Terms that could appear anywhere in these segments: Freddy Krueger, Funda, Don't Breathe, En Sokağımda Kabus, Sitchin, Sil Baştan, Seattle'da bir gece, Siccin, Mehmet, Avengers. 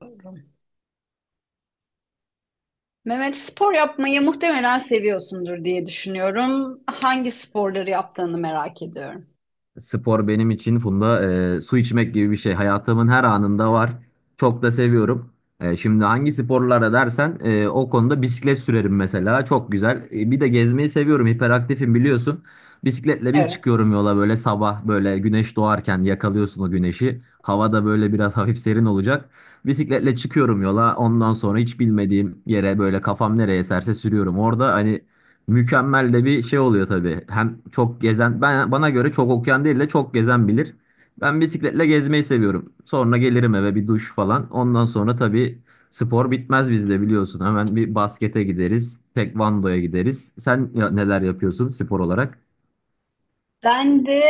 Doğru. Mehmet spor yapmayı muhtemelen seviyorsundur diye düşünüyorum. Hangi sporları yaptığını merak ediyorum. Spor benim için Funda su içmek gibi bir şey. Hayatımın her anında var. Çok da seviyorum. Şimdi hangi sporlara dersen o konuda bisiklet sürerim mesela. Çok güzel. Bir de gezmeyi seviyorum. Hiperaktifim biliyorsun. Bisikletle bir Evet. çıkıyorum yola böyle sabah böyle güneş doğarken yakalıyorsun o güneşi. Hava da böyle biraz hafif serin olacak. Bisikletle çıkıyorum yola. Ondan sonra hiç bilmediğim yere böyle kafam nereye eserse sürüyorum. Orada hani mükemmel de bir şey oluyor tabii. Hem çok gezen, ben bana göre çok okuyan değil de çok gezen bilir. Ben bisikletle gezmeyi seviyorum. Sonra gelirim eve bir duş falan. Ondan sonra tabii spor bitmez bizde biliyorsun. Hemen bir baskete gideriz, tekvandoya gideriz. Sen neler yapıyorsun spor olarak? Ben de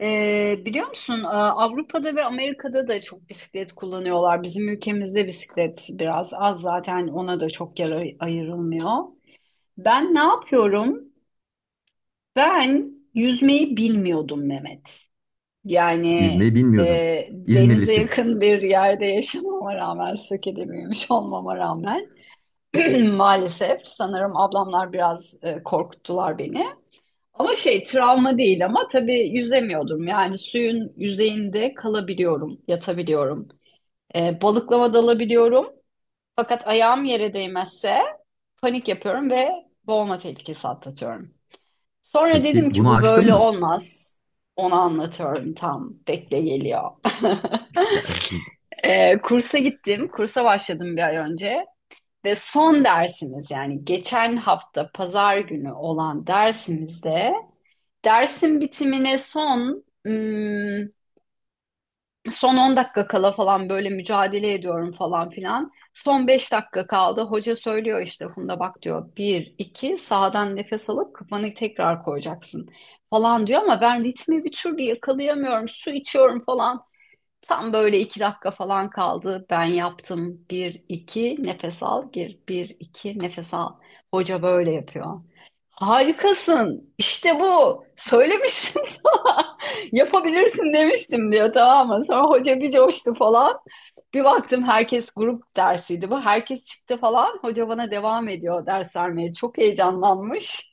biliyor musun, Avrupa'da ve Amerika'da da çok bisiklet kullanıyorlar. Bizim ülkemizde bisiklet biraz az, zaten ona da çok yer ayrılmıyor. Ben ne yapıyorum? Ben yüzmeyi bilmiyordum Mehmet. Yani, Yüzmeyi e, bilmiyordun. denize İzmirlisin. yakın bir yerde yaşamama rağmen, Söke'de büyümüş olmama rağmen maalesef sanırım ablamlar biraz korkuttular beni. Ama şey, travma değil ama tabii yüzemiyordum. Yani suyun yüzeyinde kalabiliyorum, yatabiliyorum. Balıklama dalabiliyorum. Fakat ayağım yere değmezse panik yapıyorum ve boğulma tehlikesi atlatıyorum. Sonra dedim Peki ki bunu bu aştın böyle mı? olmaz. Onu anlatıyorum tam. Bekle, geliyor. Gelsin. Kursa gittim. Kursa başladım bir ay önce. Ve son dersimiz, yani geçen hafta pazar günü olan dersimizde, dersin bitimine son hmm, son 10 dakika kala falan böyle mücadele ediyorum falan filan. Son 5 dakika kaldı. Hoca söylüyor, işte Funda bak diyor, bir 2 sağdan nefes alıp kafanı tekrar koyacaksın falan diyor ama ben ritmi bir türlü yakalayamıyorum. Su içiyorum falan. Tam böyle 2 dakika falan kaldı. Ben yaptım. Bir, iki, nefes al, gir. Bir, iki, nefes al. Hoca böyle yapıyor. Harikasın. İşte bu. Söylemiştim sana. Yapabilirsin demiştim diyor, tamam mı? Sonra hoca bir coştu falan. Bir baktım, herkes, grup dersiydi bu, herkes çıktı falan. Hoca bana devam ediyor ders vermeye. Çok heyecanlanmış.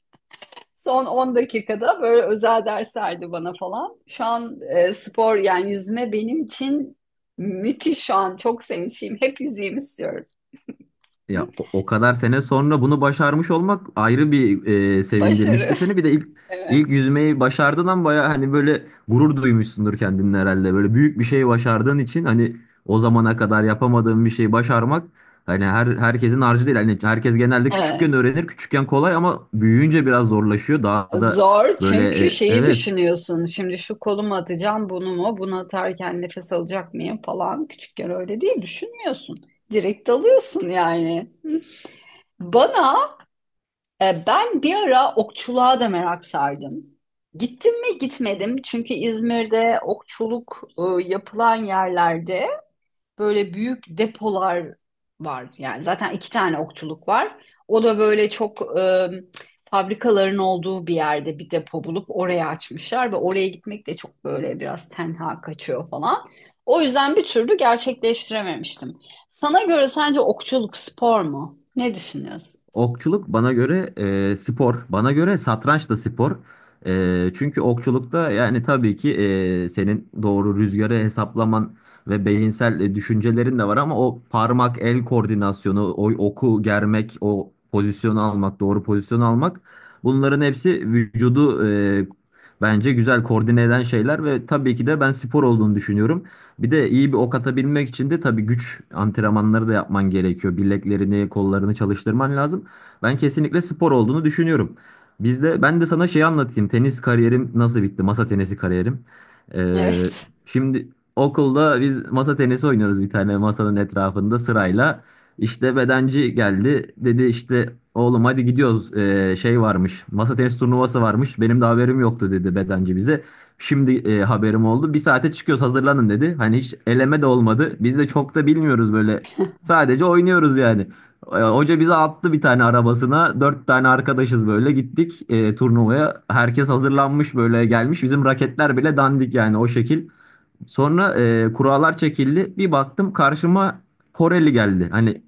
Son 10 dakikada böyle özel ders verdi bana falan. Şu an spor, yani yüzme benim için müthiş şu an. Çok sevinçliyim. Hep yüzeyim istiyorum. Ya Hı? o kadar sene sonra bunu başarmış olmak ayrı bir Başarı. sevindirmiştir seni. Bir de ilk Evet. ilk yüzmeyi başardığından baya hani böyle gurur duymuşsundur kendinle herhalde. Böyle büyük bir şey başardığın için hani o zamana kadar yapamadığın bir şeyi başarmak hani herkesin harcı değil. Hani herkes genelde küçükken Evet. öğrenir. Küçükken kolay ama büyüyünce biraz zorlaşıyor. Daha da Zor, böyle çünkü şeyi evet. düşünüyorsun. Şimdi şu kolumu atacağım, bunu mu? Bunu atarken nefes alacak mıyım falan. Küçükken öyle değil, düşünmüyorsun. Direkt dalıyorsun yani. Hı. Bana Ben bir ara okçuluğa da merak sardım. Gittim mi, gitmedim, çünkü İzmir'de okçuluk yapılan yerlerde böyle büyük depolar var. Yani zaten iki tane okçuluk var. O da böyle çok, fabrikaların olduğu bir yerde bir depo bulup oraya açmışlar ve oraya gitmek de çok böyle biraz tenha kaçıyor falan. O yüzden bir türlü gerçekleştirememiştim. Sana göre, sence okçuluk spor mu? Ne düşünüyorsun? Okçuluk bana göre spor. Bana göre satranç da spor. Çünkü okçulukta yani tabii ki senin doğru rüzgarı hesaplaman ve beyinsel düşüncelerin de var ama o parmak el koordinasyonu, o oku germek, o pozisyonu almak, doğru pozisyonu almak bunların hepsi vücudu bence güzel koordine eden şeyler ve tabii ki de ben spor olduğunu düşünüyorum. Bir de iyi bir ok atabilmek için de tabii güç antrenmanları da yapman gerekiyor. Bileklerini, kollarını çalıştırman lazım. Ben kesinlikle spor olduğunu düşünüyorum. Bizde ben de sana şey anlatayım. Tenis kariyerim nasıl bitti? Masa tenisi kariyerim. Ee, Evet. şimdi okulda biz masa tenisi oynuyoruz bir tane masanın etrafında sırayla. İşte bedenci geldi. Dedi işte oğlum hadi gidiyoruz. Şey varmış. Masa tenisi turnuvası varmış. Benim de haberim yoktu dedi bedenci bize. Şimdi haberim oldu. Bir saate çıkıyoruz hazırlanın dedi. Hani hiç eleme de olmadı. Biz de çok da bilmiyoruz böyle. Sadece oynuyoruz yani. Hoca bizi attı bir tane arabasına. Dört tane arkadaşız böyle gittik turnuvaya. Herkes hazırlanmış böyle gelmiş. Bizim raketler bile dandik yani o şekil. Sonra kurallar çekildi. Bir baktım karşıma Koreli geldi. Hani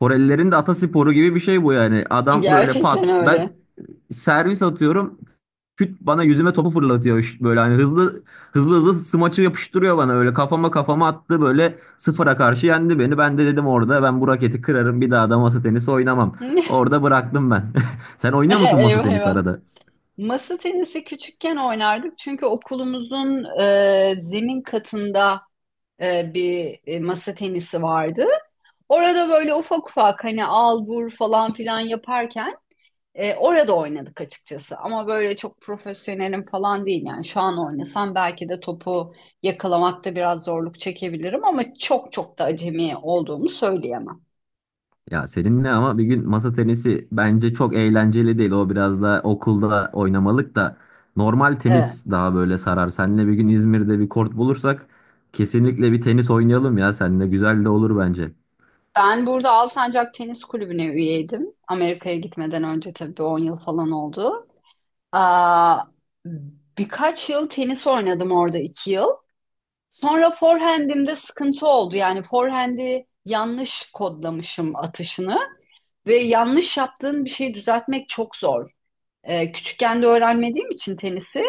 Korelilerin de atasporu gibi bir şey bu yani. Adam böyle pat. Gerçekten Ben öyle. servis atıyorum. Küt bana yüzüme topu fırlatıyor böyle hani hızlı hızlı hızlı smaçı yapıştırıyor bana böyle kafama kafama attı böyle sıfıra karşı yendi beni. Ben de dedim orada ben bu raketi kırarım bir daha da masa tenisi oynamam. Orada bıraktım ben. Sen oynuyor musun masa Eyvah, tenisi eyvah. arada? Masa tenisi küçükken oynardık, çünkü okulumuzun zemin katında bir masa tenisi vardı. Orada böyle ufak ufak, hani al vur falan filan yaparken orada oynadık açıkçası. Ama böyle çok profesyonelim falan değil, yani şu an oynasam belki de topu yakalamakta biraz zorluk çekebilirim ama çok çok da acemi olduğumu söyleyemem. Ya seninle ama bir gün masa tenisi bence çok eğlenceli değil. O biraz da okulda oynamalık da normal Evet. tenis daha böyle sarar. Seninle bir gün İzmir'de bir kort bulursak kesinlikle bir tenis oynayalım ya. Seninle güzel de olur bence. Ben burada Alsancak Tenis Kulübü'ne üyeydim. Amerika'ya gitmeden önce, tabii bir 10 yıl falan oldu. Aa, birkaç yıl tenis oynadım orada, 2 yıl. Sonra forehand'imde sıkıntı oldu. Yani forehand'i yanlış kodlamışım atışını ve yanlış yaptığın bir şeyi düzeltmek çok zor. Küçükken de öğrenmediğim için tenisi,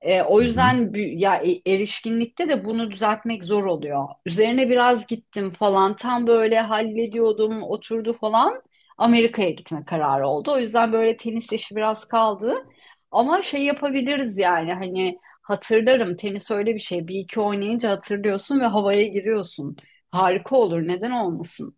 o Hı yüzden hı. Erişkinlikte de bunu düzeltmek zor oluyor. Üzerine biraz gittim falan. Tam böyle hallediyordum, oturdu falan. Amerika'ya gitme kararı oldu. O yüzden böyle tenis işi biraz kaldı. Ama şey yapabiliriz yani, hani hatırlarım, tenis öyle bir şey. Bir iki oynayınca hatırlıyorsun ve havaya giriyorsun. Harika olur, neden olmasın?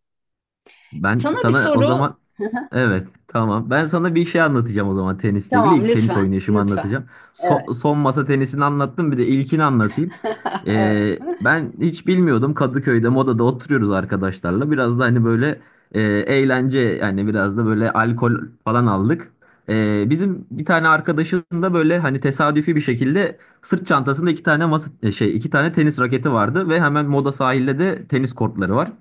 Ben Sana bir sana o soru. zaman evet, tamam. Ben sana bir şey anlatacağım o zaman tenisle ilgili. Tamam, İlk tenis lütfen, oynayışımı lütfen. anlatacağım. Evet, Son masa tenisini anlattım bir de ilkini anlatayım. evet, Ben hiç bilmiyordum, Kadıköy'de Moda'da oturuyoruz arkadaşlarla. Biraz da hani böyle eğlence yani biraz da böyle alkol falan aldık. Bizim bir tane arkadaşın da böyle hani tesadüfi bir şekilde sırt çantasında iki tane masa şey iki tane tenis raketi vardı ve hemen Moda sahilde de tenis kortları var.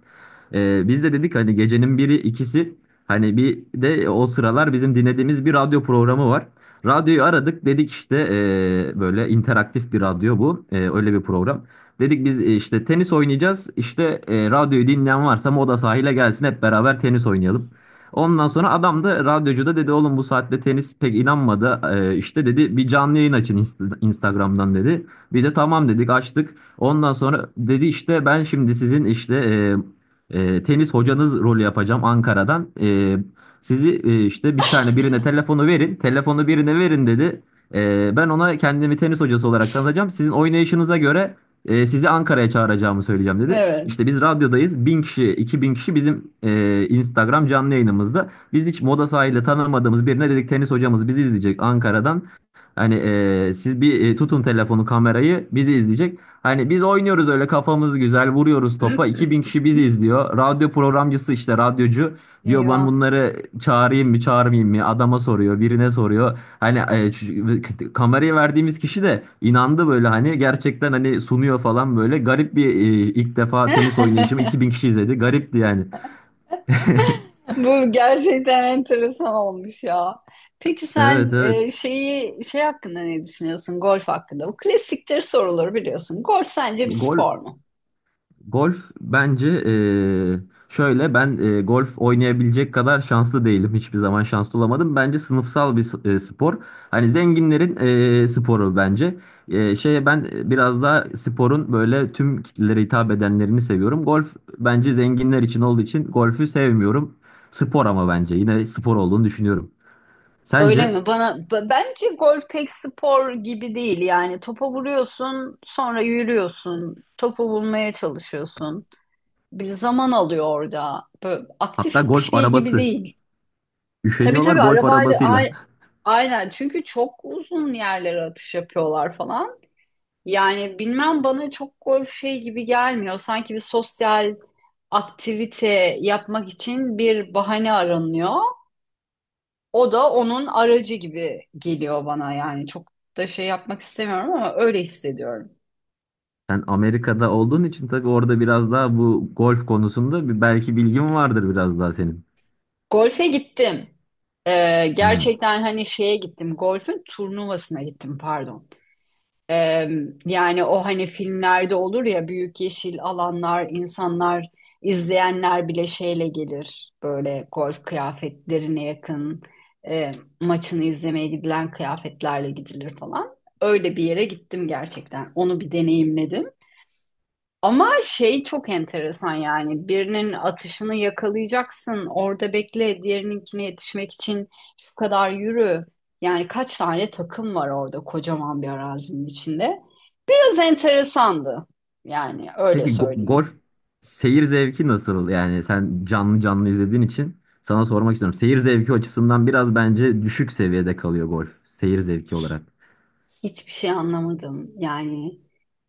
Biz de dedik hani gecenin biri ikisi hani bir de o sıralar bizim dinlediğimiz bir radyo programı var. Radyoyu aradık dedik işte böyle interaktif bir radyo bu. Öyle bir program. Dedik biz işte tenis oynayacağız işte radyoyu dinleyen varsa Moda sahile gelsin hep beraber tenis oynayalım. Ondan sonra adam da radyocu da dedi oğlum bu saatte tenis pek inanmadı. İşte dedi bir canlı yayın açın Instagram'dan dedi. Biz de tamam dedik açtık. Ondan sonra dedi işte ben şimdi sizin işte e, tenis hocanız rolü yapacağım Ankara'dan. Sizi işte bir tane birine telefonu verin. Telefonu birine verin dedi. Ben ona kendimi tenis hocası olarak tanıtacağım. Sizin oynayışınıza göre sizi Ankara'ya çağıracağımı söyleyeceğim dedi. evet. İşte biz radyodayız. 1.000 kişi, 2.000 kişi bizim Instagram canlı yayınımızda. Biz hiç moda sahayla tanımadığımız birine dedik tenis hocamız bizi izleyecek Ankara'dan. Hani siz bir tutun telefonu kamerayı bizi izleyecek. Hani biz oynuyoruz öyle kafamız güzel vuruyoruz topa. 2000 kişi bizi izliyor. Radyo programcısı işte radyocu diyor ben Eyvah. bunları çağırayım mı çağırmayayım mı? Adama soruyor birine soruyor. Hani kamerayı verdiğimiz kişi de inandı böyle hani gerçekten hani sunuyor falan böyle. Garip bir ilk defa tenis oynayışımı 2000 kişi izledi. Garipti yani. Bu gerçekten enteresan olmuş ya. Peki sen, Evet, evet. Şeyi şey hakkında ne düşünüyorsun, golf hakkında? Bu klasiktir soruları, biliyorsun. Golf sence bir Gol spor mu? Golf bence şöyle ben golf oynayabilecek kadar şanslı değilim. Hiçbir zaman şanslı olamadım. Bence sınıfsal bir spor. Hani zenginlerin sporu bence. Şeye ben biraz daha sporun böyle tüm kitlelere hitap edenlerini seviyorum. Golf bence zenginler için olduğu için golfü sevmiyorum. Spor ama bence yine spor olduğunu düşünüyorum. Öyle Sence? mi? Bana bence golf pek spor gibi değil. Yani topa vuruyorsun, sonra yürüyorsun, topu bulmaya çalışıyorsun. Bir zaman alıyor orada. Böyle Hatta aktif bir golf şey gibi arabası. değil. Tabii, Üşeniyorlar tabii golf arabayla, arabasıyla. Aynen, çünkü çok uzun yerlere atış yapıyorlar falan. Yani bilmem, bana çok golf şey gibi gelmiyor. Sanki bir sosyal aktivite yapmak için bir bahane aranıyor. O da onun aracı gibi geliyor bana yani. Çok da şey yapmak istemiyorum ama öyle hissediyorum. Sen Amerika'da olduğun için tabii orada biraz daha bu golf konusunda bir belki bilgin vardır biraz daha senin. Golfe gittim. Hmm. gerçekten, hani şeye gittim, golfün turnuvasına gittim, pardon. Ee, yani o, hani filmlerde olur ya, büyük yeşil alanlar, insanlar, izleyenler bile şeyle gelir. Böyle golf kıyafetlerine yakın, e, maçını izlemeye gidilen kıyafetlerle gidilir falan. Öyle bir yere gittim gerçekten. Onu bir deneyimledim. Ama şey çok enteresan, yani birinin atışını yakalayacaksın, orada bekle, diğerininkine yetişmek için şu kadar yürü. Yani kaç tane takım var orada, kocaman bir arazinin içinde. Biraz enteresandı. Yani öyle Peki golf söyleyeyim. seyir zevki nasıl? Yani sen canlı canlı izlediğin için sana sormak istiyorum. Seyir zevki açısından biraz bence düşük seviyede kalıyor golf seyir zevki olarak. Hiçbir şey anlamadım. Yani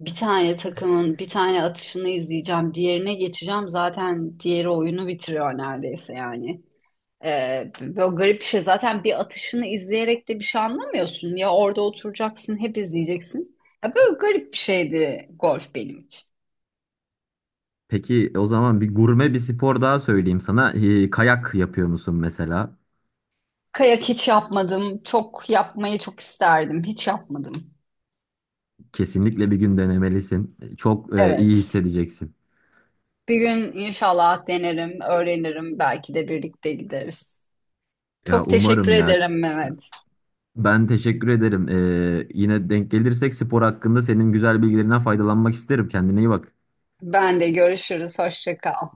bir tane takımın bir tane atışını izleyeceğim, diğerine geçeceğim. Zaten diğeri oyunu bitiriyor neredeyse yani. Böyle garip bir şey. Zaten bir atışını izleyerek de bir şey anlamıyorsun. Ya orada oturacaksın, hep izleyeceksin. Ya böyle garip bir şeydi golf benim için. Peki o zaman bir gurme bir spor daha söyleyeyim sana. Kayak yapıyor musun mesela? Kayak hiç yapmadım. Çok yapmayı çok isterdim. Hiç yapmadım. Kesinlikle bir gün denemelisin. Çok iyi Evet. hissedeceksin. Bir gün inşallah denerim, öğrenirim. Belki de birlikte gideriz. Ya Çok teşekkür umarım ya. ederim Mehmet. Ben teşekkür ederim. Yine denk gelirsek spor hakkında senin güzel bilgilerinden faydalanmak isterim. Kendine iyi bak. Ben de görüşürüz. Hoşça kal.